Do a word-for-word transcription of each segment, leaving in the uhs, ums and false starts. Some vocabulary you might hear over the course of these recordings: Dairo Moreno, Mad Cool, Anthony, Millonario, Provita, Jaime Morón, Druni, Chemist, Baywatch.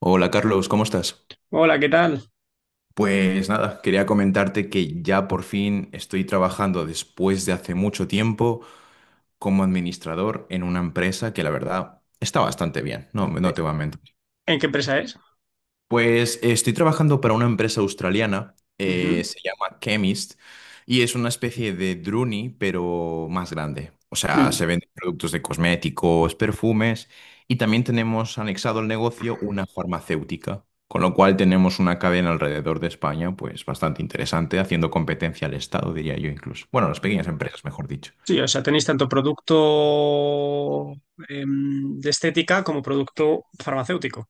Hola Carlos, ¿cómo estás? Hola, ¿qué tal? Pues nada, quería comentarte que ya por fin estoy trabajando después de hace mucho tiempo como administrador en una empresa que la verdad está bastante bien, no, no te voy a mentir. ¿En qué empresa es? Pues estoy trabajando para una empresa australiana, eh, Ujú. se llama Chemist, y es una especie de Druni, pero más grande. O sea, Mm. se venden productos de cosméticos, perfumes, y también tenemos anexado al negocio una farmacéutica, con lo cual tenemos una cadena alrededor de España, pues bastante interesante, haciendo competencia al Estado, diría yo incluso. Bueno, a las pequeñas empresas, mejor dicho. Sí, o sea, tenéis tanto producto em, de estética como producto farmacéutico.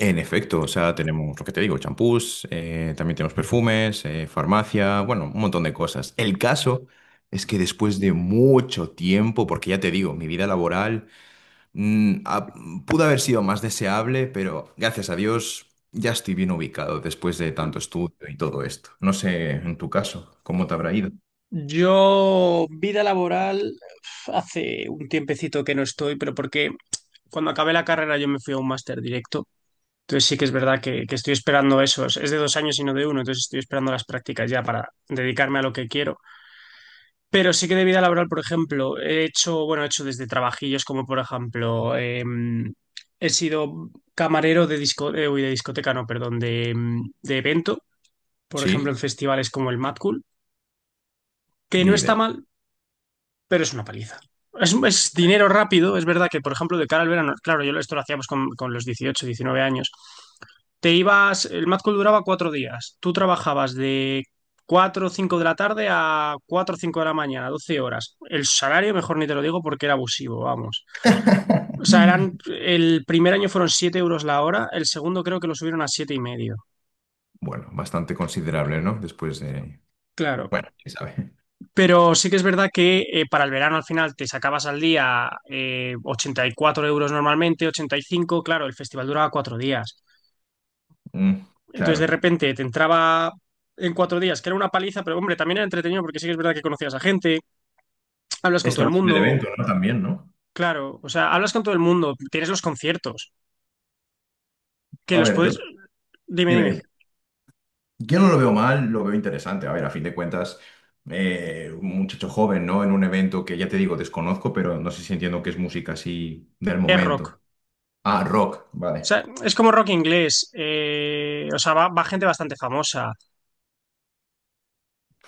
En efecto, o sea, tenemos lo que te digo, champús, eh, también tenemos perfumes, eh, farmacia, bueno, un montón de cosas. El caso es que después de mucho tiempo, porque ya te digo, mi vida laboral mm, ha- pudo haber sido más deseable, pero gracias a Dios ya estoy bien ubicado después de tanto Mm. estudio y todo esto. No sé, en tu caso, ¿cómo te habrá ido? Yo, vida laboral, hace un tiempecito que no estoy, pero porque cuando acabé la carrera yo me fui a un máster directo. Entonces sí que es verdad que, que estoy esperando eso. Es es de dos años y no de uno, entonces estoy esperando las prácticas ya para dedicarme a lo que quiero. Pero sí que de vida laboral, por ejemplo, he hecho, bueno, he hecho desde trabajillos como, por ejemplo, em, he sido camarero de disco, eh, uy, de discoteca, no, perdón, de, em, de evento, por ejemplo, Sí, en festivales como el Mad Cool, que no ni está idea. mal, pero es una paliza. Es, es dinero rápido, es verdad que, por ejemplo, de cara al verano, claro, yo esto lo hacíamos con, con los dieciocho, diecinueve años, te ibas, el Mad Cool duraba cuatro días, tú trabajabas de cuatro o cinco de la tarde a cuatro o cinco de la mañana, doce horas. El salario, mejor ni te lo digo porque era abusivo, vamos. O sea, eran, el primer año fueron siete euros la hora, el segundo creo que lo subieron a siete y medio. Bueno, bastante considerable, ¿no? Después de... Claro. Bueno, quién sabe. Pero sí que es verdad que eh, para el verano al final te sacabas al día eh, ochenta y cuatro euros normalmente, ochenta y cinco, claro, el festival duraba cuatro días. Mm, Entonces de claro. repente te entraba en cuatro días, que era una paliza, pero hombre, también era entretenido porque sí que es verdad que conocías a gente, hablas con todo Este el va a ser el mundo, evento, ¿no? También, ¿no? claro, o sea, hablas con todo el mundo, tienes los conciertos, que A los ver, yo, puedes... Dime, dime, dime, dime. Yo no lo veo mal, lo veo interesante. A ver, a fin de cuentas, eh, un muchacho joven, ¿no? En un evento que ya te digo, desconozco, pero no sé si entiendo que es música así del es rock. momento. Ah, rock, O vale. sea, es como rock inglés, eh, o sea, va, va gente bastante famosa.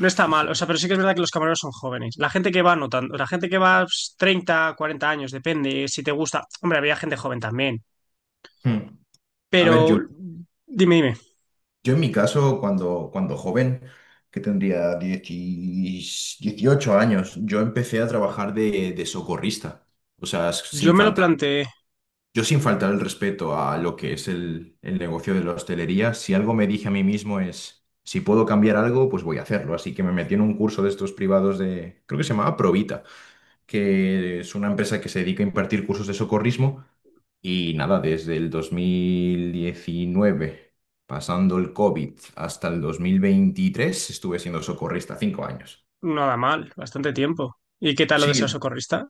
No está Pues, mal, sí. o sea, pero sí que es verdad que los camareros son jóvenes. La gente que va notando, la gente que va pues, treinta, cuarenta años, depende si te gusta. Hombre, había gente joven también. Hmm. A ver, Pero yo, dime, dime, yo en mi caso, cuando, cuando joven, que tendría 10 dieciocho años, yo empecé a trabajar de, de socorrista. O sea, yo sin me lo faltar planteé. Yo sin faltar el respeto a lo que es el, el negocio de la hostelería, si algo me dije a mí mismo es, si puedo cambiar algo, pues voy a hacerlo. Así que me metí en un curso de estos privados de, creo que se llamaba Provita, que es una empresa que se dedica a impartir cursos de socorrismo. Y nada, desde el dos mil diecinueve, pasando el COVID hasta el dos mil veintitrés, estuve siendo socorrista cinco años. Nada mal, bastante tiempo. ¿Y qué tal lo de Sí, ser socorrista?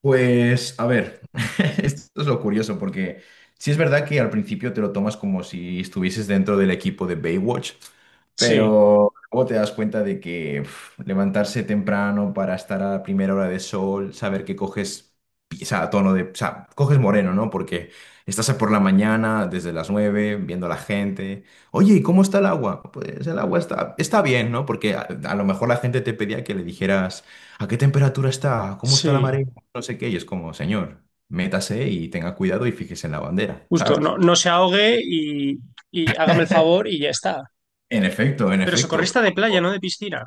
pues, a ver, esto es lo curioso, porque sí es verdad que al principio te lo tomas como si estuvieses dentro del equipo de Baywatch, Sí, pero luego te das cuenta de que uf, levantarse temprano para estar a la primera hora de sol, saber que coges, pi- o sea, tono de, o sea, coges moreno, ¿no? Porque estás por la mañana, desde las nueve, viendo a la gente. Oye, ¿y cómo está el agua? Pues el agua está, está bien, ¿no? Porque a a lo mejor la gente te pedía que le dijeras... ¿A qué temperatura está? ¿Cómo está la sí, marea? No sé qué, y es como, señor, métase y tenga cuidado y fíjese en la bandera, justo, no, ¿sabes? no se ahogue y, y hágame el favor y ya está. En efecto, en Pero efecto. socorrista de playa, Pero, no de piscina,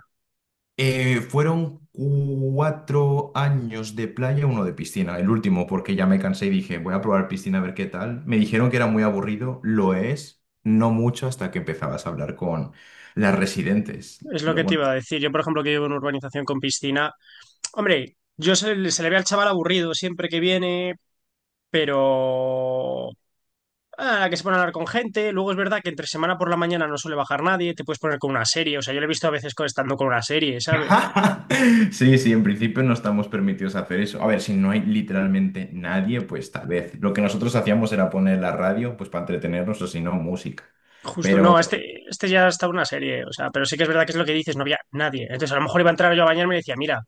eh, fueron cuatro años de playa, uno de piscina, el último, porque ya me cansé y dije, voy a probar piscina a ver qué tal. Me dijeron que era muy aburrido, lo es, no mucho hasta que empezabas a hablar con las residentes. es lo Lo- que te Bueno, iba a decir. Yo, por ejemplo, que vivo en una urbanización con piscina, hombre, yo se, se le ve al chaval aburrido siempre que viene, pero a la que se pone a hablar con gente. Luego es verdad que entre semana por la mañana no suele bajar nadie, te puedes poner con una serie. O sea, yo lo he visto a veces con- estando con una serie, ¿sabes? sí, sí, en principio no estamos permitidos hacer eso. A ver, si no hay literalmente nadie, pues tal vez. Lo que nosotros hacíamos era poner la radio, pues para entretenernos o si no, música. Justo, Pero, no, este, este ya está una serie. O sea, pero sí que es verdad que es lo que dices, no había nadie. Entonces, a lo mejor iba a entrar yo a bañarme y decía, mira,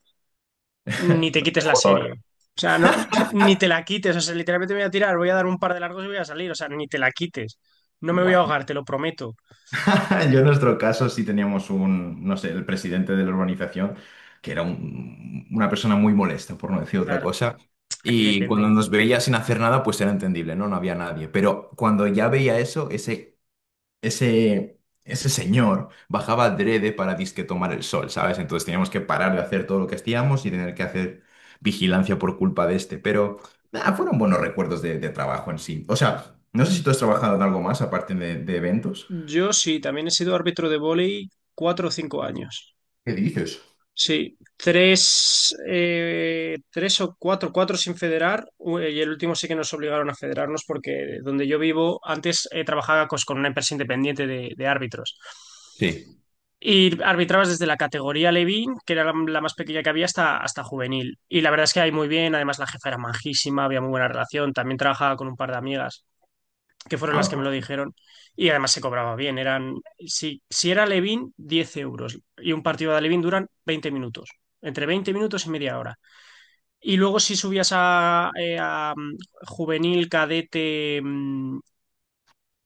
ni te quites la joder, serie. O sea, no, ni te la quites. O sea, literalmente me voy a tirar, voy a dar un par de largos y voy a salir. O sea, ni te la quites. No me voy a bueno, ahogar, te lo prometo. yo en nuestro caso sí teníamos un, no sé, el presidente de la urbanización, que era un- una persona muy molesta, por no decir otra Claro, cosa. aquí Y cuando depende. nos veía sin hacer nada, pues era entendible, ¿no? No había nadie. Pero cuando ya veía eso, ese ese, ese señor bajaba adrede para disque tomar el sol, ¿sabes? Entonces teníamos que parar de hacer todo lo que hacíamos y tener que hacer vigilancia por culpa de este, pero nah, fueron buenos recuerdos de, de trabajo en sí. O sea, no sé si tú has trabajado en algo más aparte de, de eventos. Yo sí, también he sido árbitro de vóley cuatro o cinco años. ¿Qué dices? Sí, tres, eh, tres o cuatro, cuatro sin federar, u- eh, y el último sí que nos obligaron a federarnos porque donde yo vivo, antes eh, trabajaba cos- con una empresa independiente de, de árbitros. Sí. Y arbitrabas desde la categoría Levín, que era la, la más pequeña que había, hasta, hasta juvenil. Y la verdad es que ahí muy bien, además la jefa era majísima, había muy buena relación, también trabajaba con un par de amigas que fueron las Ah, que me lo pues, dijeron. Y además se cobraba bien. Eran, si, si era Levin, diez euros. Y un partido de Levin duran veinte minutos. Entre veinte minutos y media hora. Y luego si subías a, eh, a, um, juvenil, cadete mm,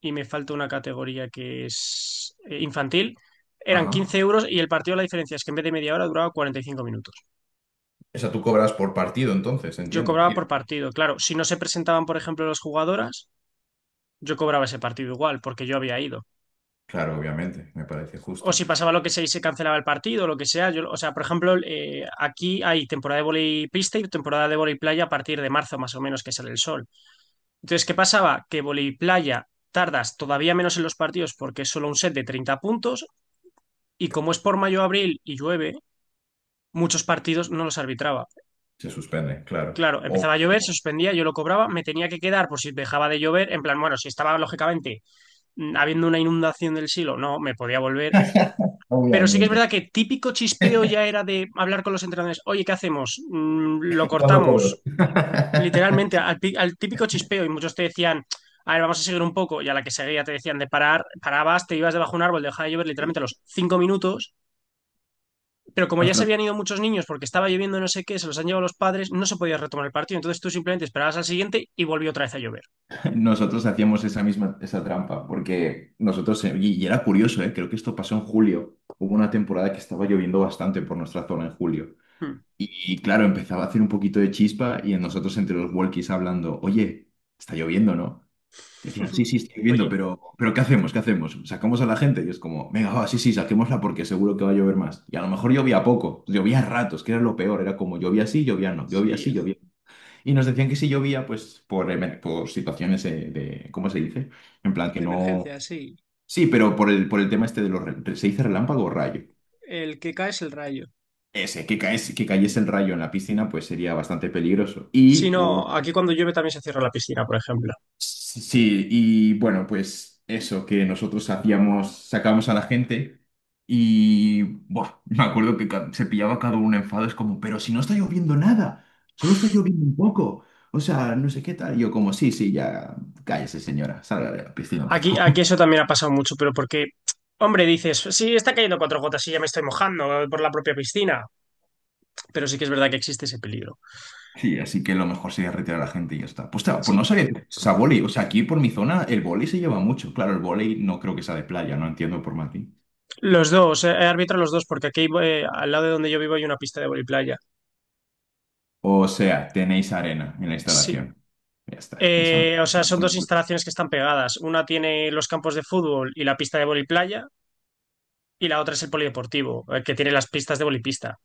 y me falta una categoría que es eh, infantil, eran ajá. quince euros y el partido la diferencia es que en vez de media hora duraba cuarenta y cinco minutos. O sea, tú cobras por partido, entonces, Yo entiendo. cobraba Y por partido. Claro, si no se presentaban, por ejemplo, las jugadoras, yo cobraba ese partido igual porque yo había ido. claro, obviamente, me parece O justo. si pasaba lo que sea y se cancelaba el partido, lo que sea. Yo, o sea, por ejemplo, eh, aquí hay temporada de vóley pista y temporada de vóley playa a partir de marzo, más o menos, que sale el sol. Entonces, ¿qué pasaba? Que vóley playa tardas todavía menos en los partidos porque es solo un set de treinta puntos y como es por mayo-abril y llueve, muchos partidos no los arbitraba. Se suspende, claro. Claro, empezaba O- a llover, se suspendía, yo lo cobraba, me tenía que quedar por si dejaba de llover, en plan, bueno, si estaba lógicamente mm, habiendo una inundación del silo, no, me podía volver. Pero sí que es Obviamente. verdad que típico chispeo ya era de hablar con los entrenadores, oye, ¿qué hacemos? Mm, lo ¿Cuándo cobro? cortamos, literalmente, al, pi- al típico chispeo, y muchos te decían, a ver, vamos a seguir un poco, y a la que seguía te decían de parar, parabas, te ibas debajo de un árbol, dejaba de llover literalmente a los cinco minutos, pero como ya se Ostras, habían ido muchos niños porque estaba lloviendo no sé qué, se los han llevado los padres, no se podía retomar el partido, entonces tú simplemente esperabas al siguiente y volvió otra vez a llover. nosotros hacíamos esa misma esa trampa, porque nosotros, eh, y, y era curioso, eh, creo que esto pasó en julio, hubo una temporada que estaba lloviendo bastante por nuestra zona en julio, Hmm. y, y claro, empezaba a hacer un poquito de chispa y en nosotros entre los walkies hablando, oye, está lloviendo, ¿no? Decían, sí, sí, está lloviendo, Oye, pero, pero ¿qué hacemos? ¿Qué hacemos? ¿Sacamos a la gente? Y es como, venga, va, sí, sí, saquémosla porque seguro que va a llover más. Y a lo mejor llovía poco, llovía a ratos, que era lo peor, era como llovía así, llovía no, llovía sí, así, llovía. Y nos decían que si llovía, pues por, emer- por situaciones eh, de, ¿cómo se dice? En plan que de no... emergencia, sí. Sí, pero por el, por el tema este de los... re- ¿Se dice relámpago o rayo? El que cae es el rayo. Ese, que caes, que cayese el rayo en la piscina, pues sería bastante peligroso. Sí, Y hubo... no, aquí cuando llueve también se cierra la piscina, por ejemplo. Sí, sí, y bueno, pues eso, que nosotros hacíamos, sacábamos a la gente y buah, me acuerdo que ca- se pillaba cada uno enfado, es como, pero si no está lloviendo nada, solo está lloviendo un poco, o sea, no sé qué tal. Yo como, sí, sí, ya cállese señora, salga de la piscina, por Aquí, aquí favor. eso también ha pasado mucho, pero porque, hombre, dices, sí, está cayendo cuatro gotas y ya me estoy mojando por la propia piscina, pero sí que es verdad que existe ese peligro. Sí, así que lo mejor sería retirar a la gente y ya está. Pues, claro, pues no Sí, sabía que se a vóley, o sea, aquí por mi zona el vóley se lleva mucho, claro, el vóley no creo que sea de playa, no entiendo por Martín. los dos, eh, arbitro los dos, porque aquí eh, al lado de donde yo vivo hay una pista de voliplaya. O sea, tenéis arena en la Sí. instalación. Ya está, eso no. Eh, o sea, son dos instalaciones que están pegadas. Una tiene los campos de fútbol y la pista de voliplaya y la otra es el polideportivo, el que tiene las pistas de bolipista.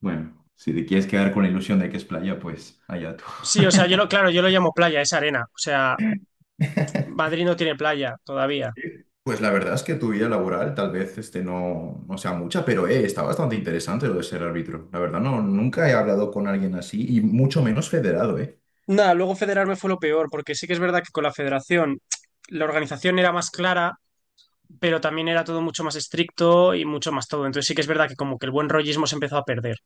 Bueno, si te quieres quedar con la ilusión de que es playa, pues allá tú. Sí, o sea, yo lo, claro, yo lo llamo playa, es arena. O sea, Madrid no tiene playa todavía. Pues la verdad es que tu vida laboral tal vez este, no, no sea mucha, pero eh, está bastante interesante lo de ser árbitro. La verdad, no, nunca he hablado con alguien así y mucho menos federado, ¿eh? Nada, luego federarme fue lo peor, porque sí que es verdad que con la federación la organización era más clara, pero también era todo mucho más estricto y mucho más todo. Entonces sí que es verdad que como que el buen rollismo se empezó a perder.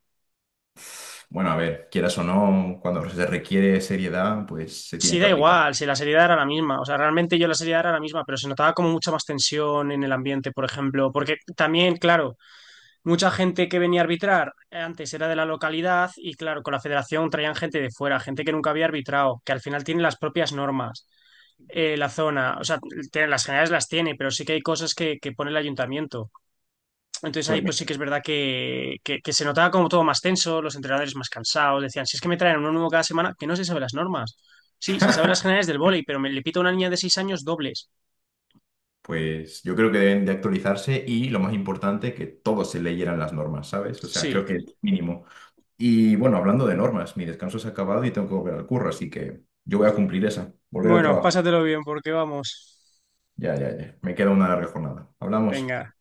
Bueno, a ver, quieras o no, cuando se requiere seriedad, pues se Sí, tiene que da aplicar. igual, si la seriedad era la misma. O sea, realmente yo la seriedad era la misma, pero se notaba como mucha más tensión en el ambiente, por ejemplo. Porque también, claro, mucha gente que venía a arbitrar antes era de la localidad y claro, con la federación traían gente de fuera, gente que nunca había arbitrado, que al final tiene las propias normas, eh, la zona, o sea, tiene- las generales las tiene, pero sí que hay cosas que, que pone el ayuntamiento. Entonces ahí Pues pues sí que mira. es verdad que, que- que se notaba como todo más tenso, los entrenadores más cansados, decían, si es que me traen uno nuevo cada semana, que no se sabe las normas. Sí, se sabe las generales del vóley, pero me le pito a una niña de seis años dobles. Pues yo creo que deben de actualizarse y lo más importante, que todos se leyeran las normas, ¿sabes? O sea, creo que es Sí. mínimo. Y bueno, hablando de normas, mi descanso se ha acabado y tengo que volver al curro, así que yo voy a cumplir esa, volver al Bueno, trabajo. pásatelo bien porque vamos. Ya, ya, ya. Me queda una larga jornada. Hablamos. Venga.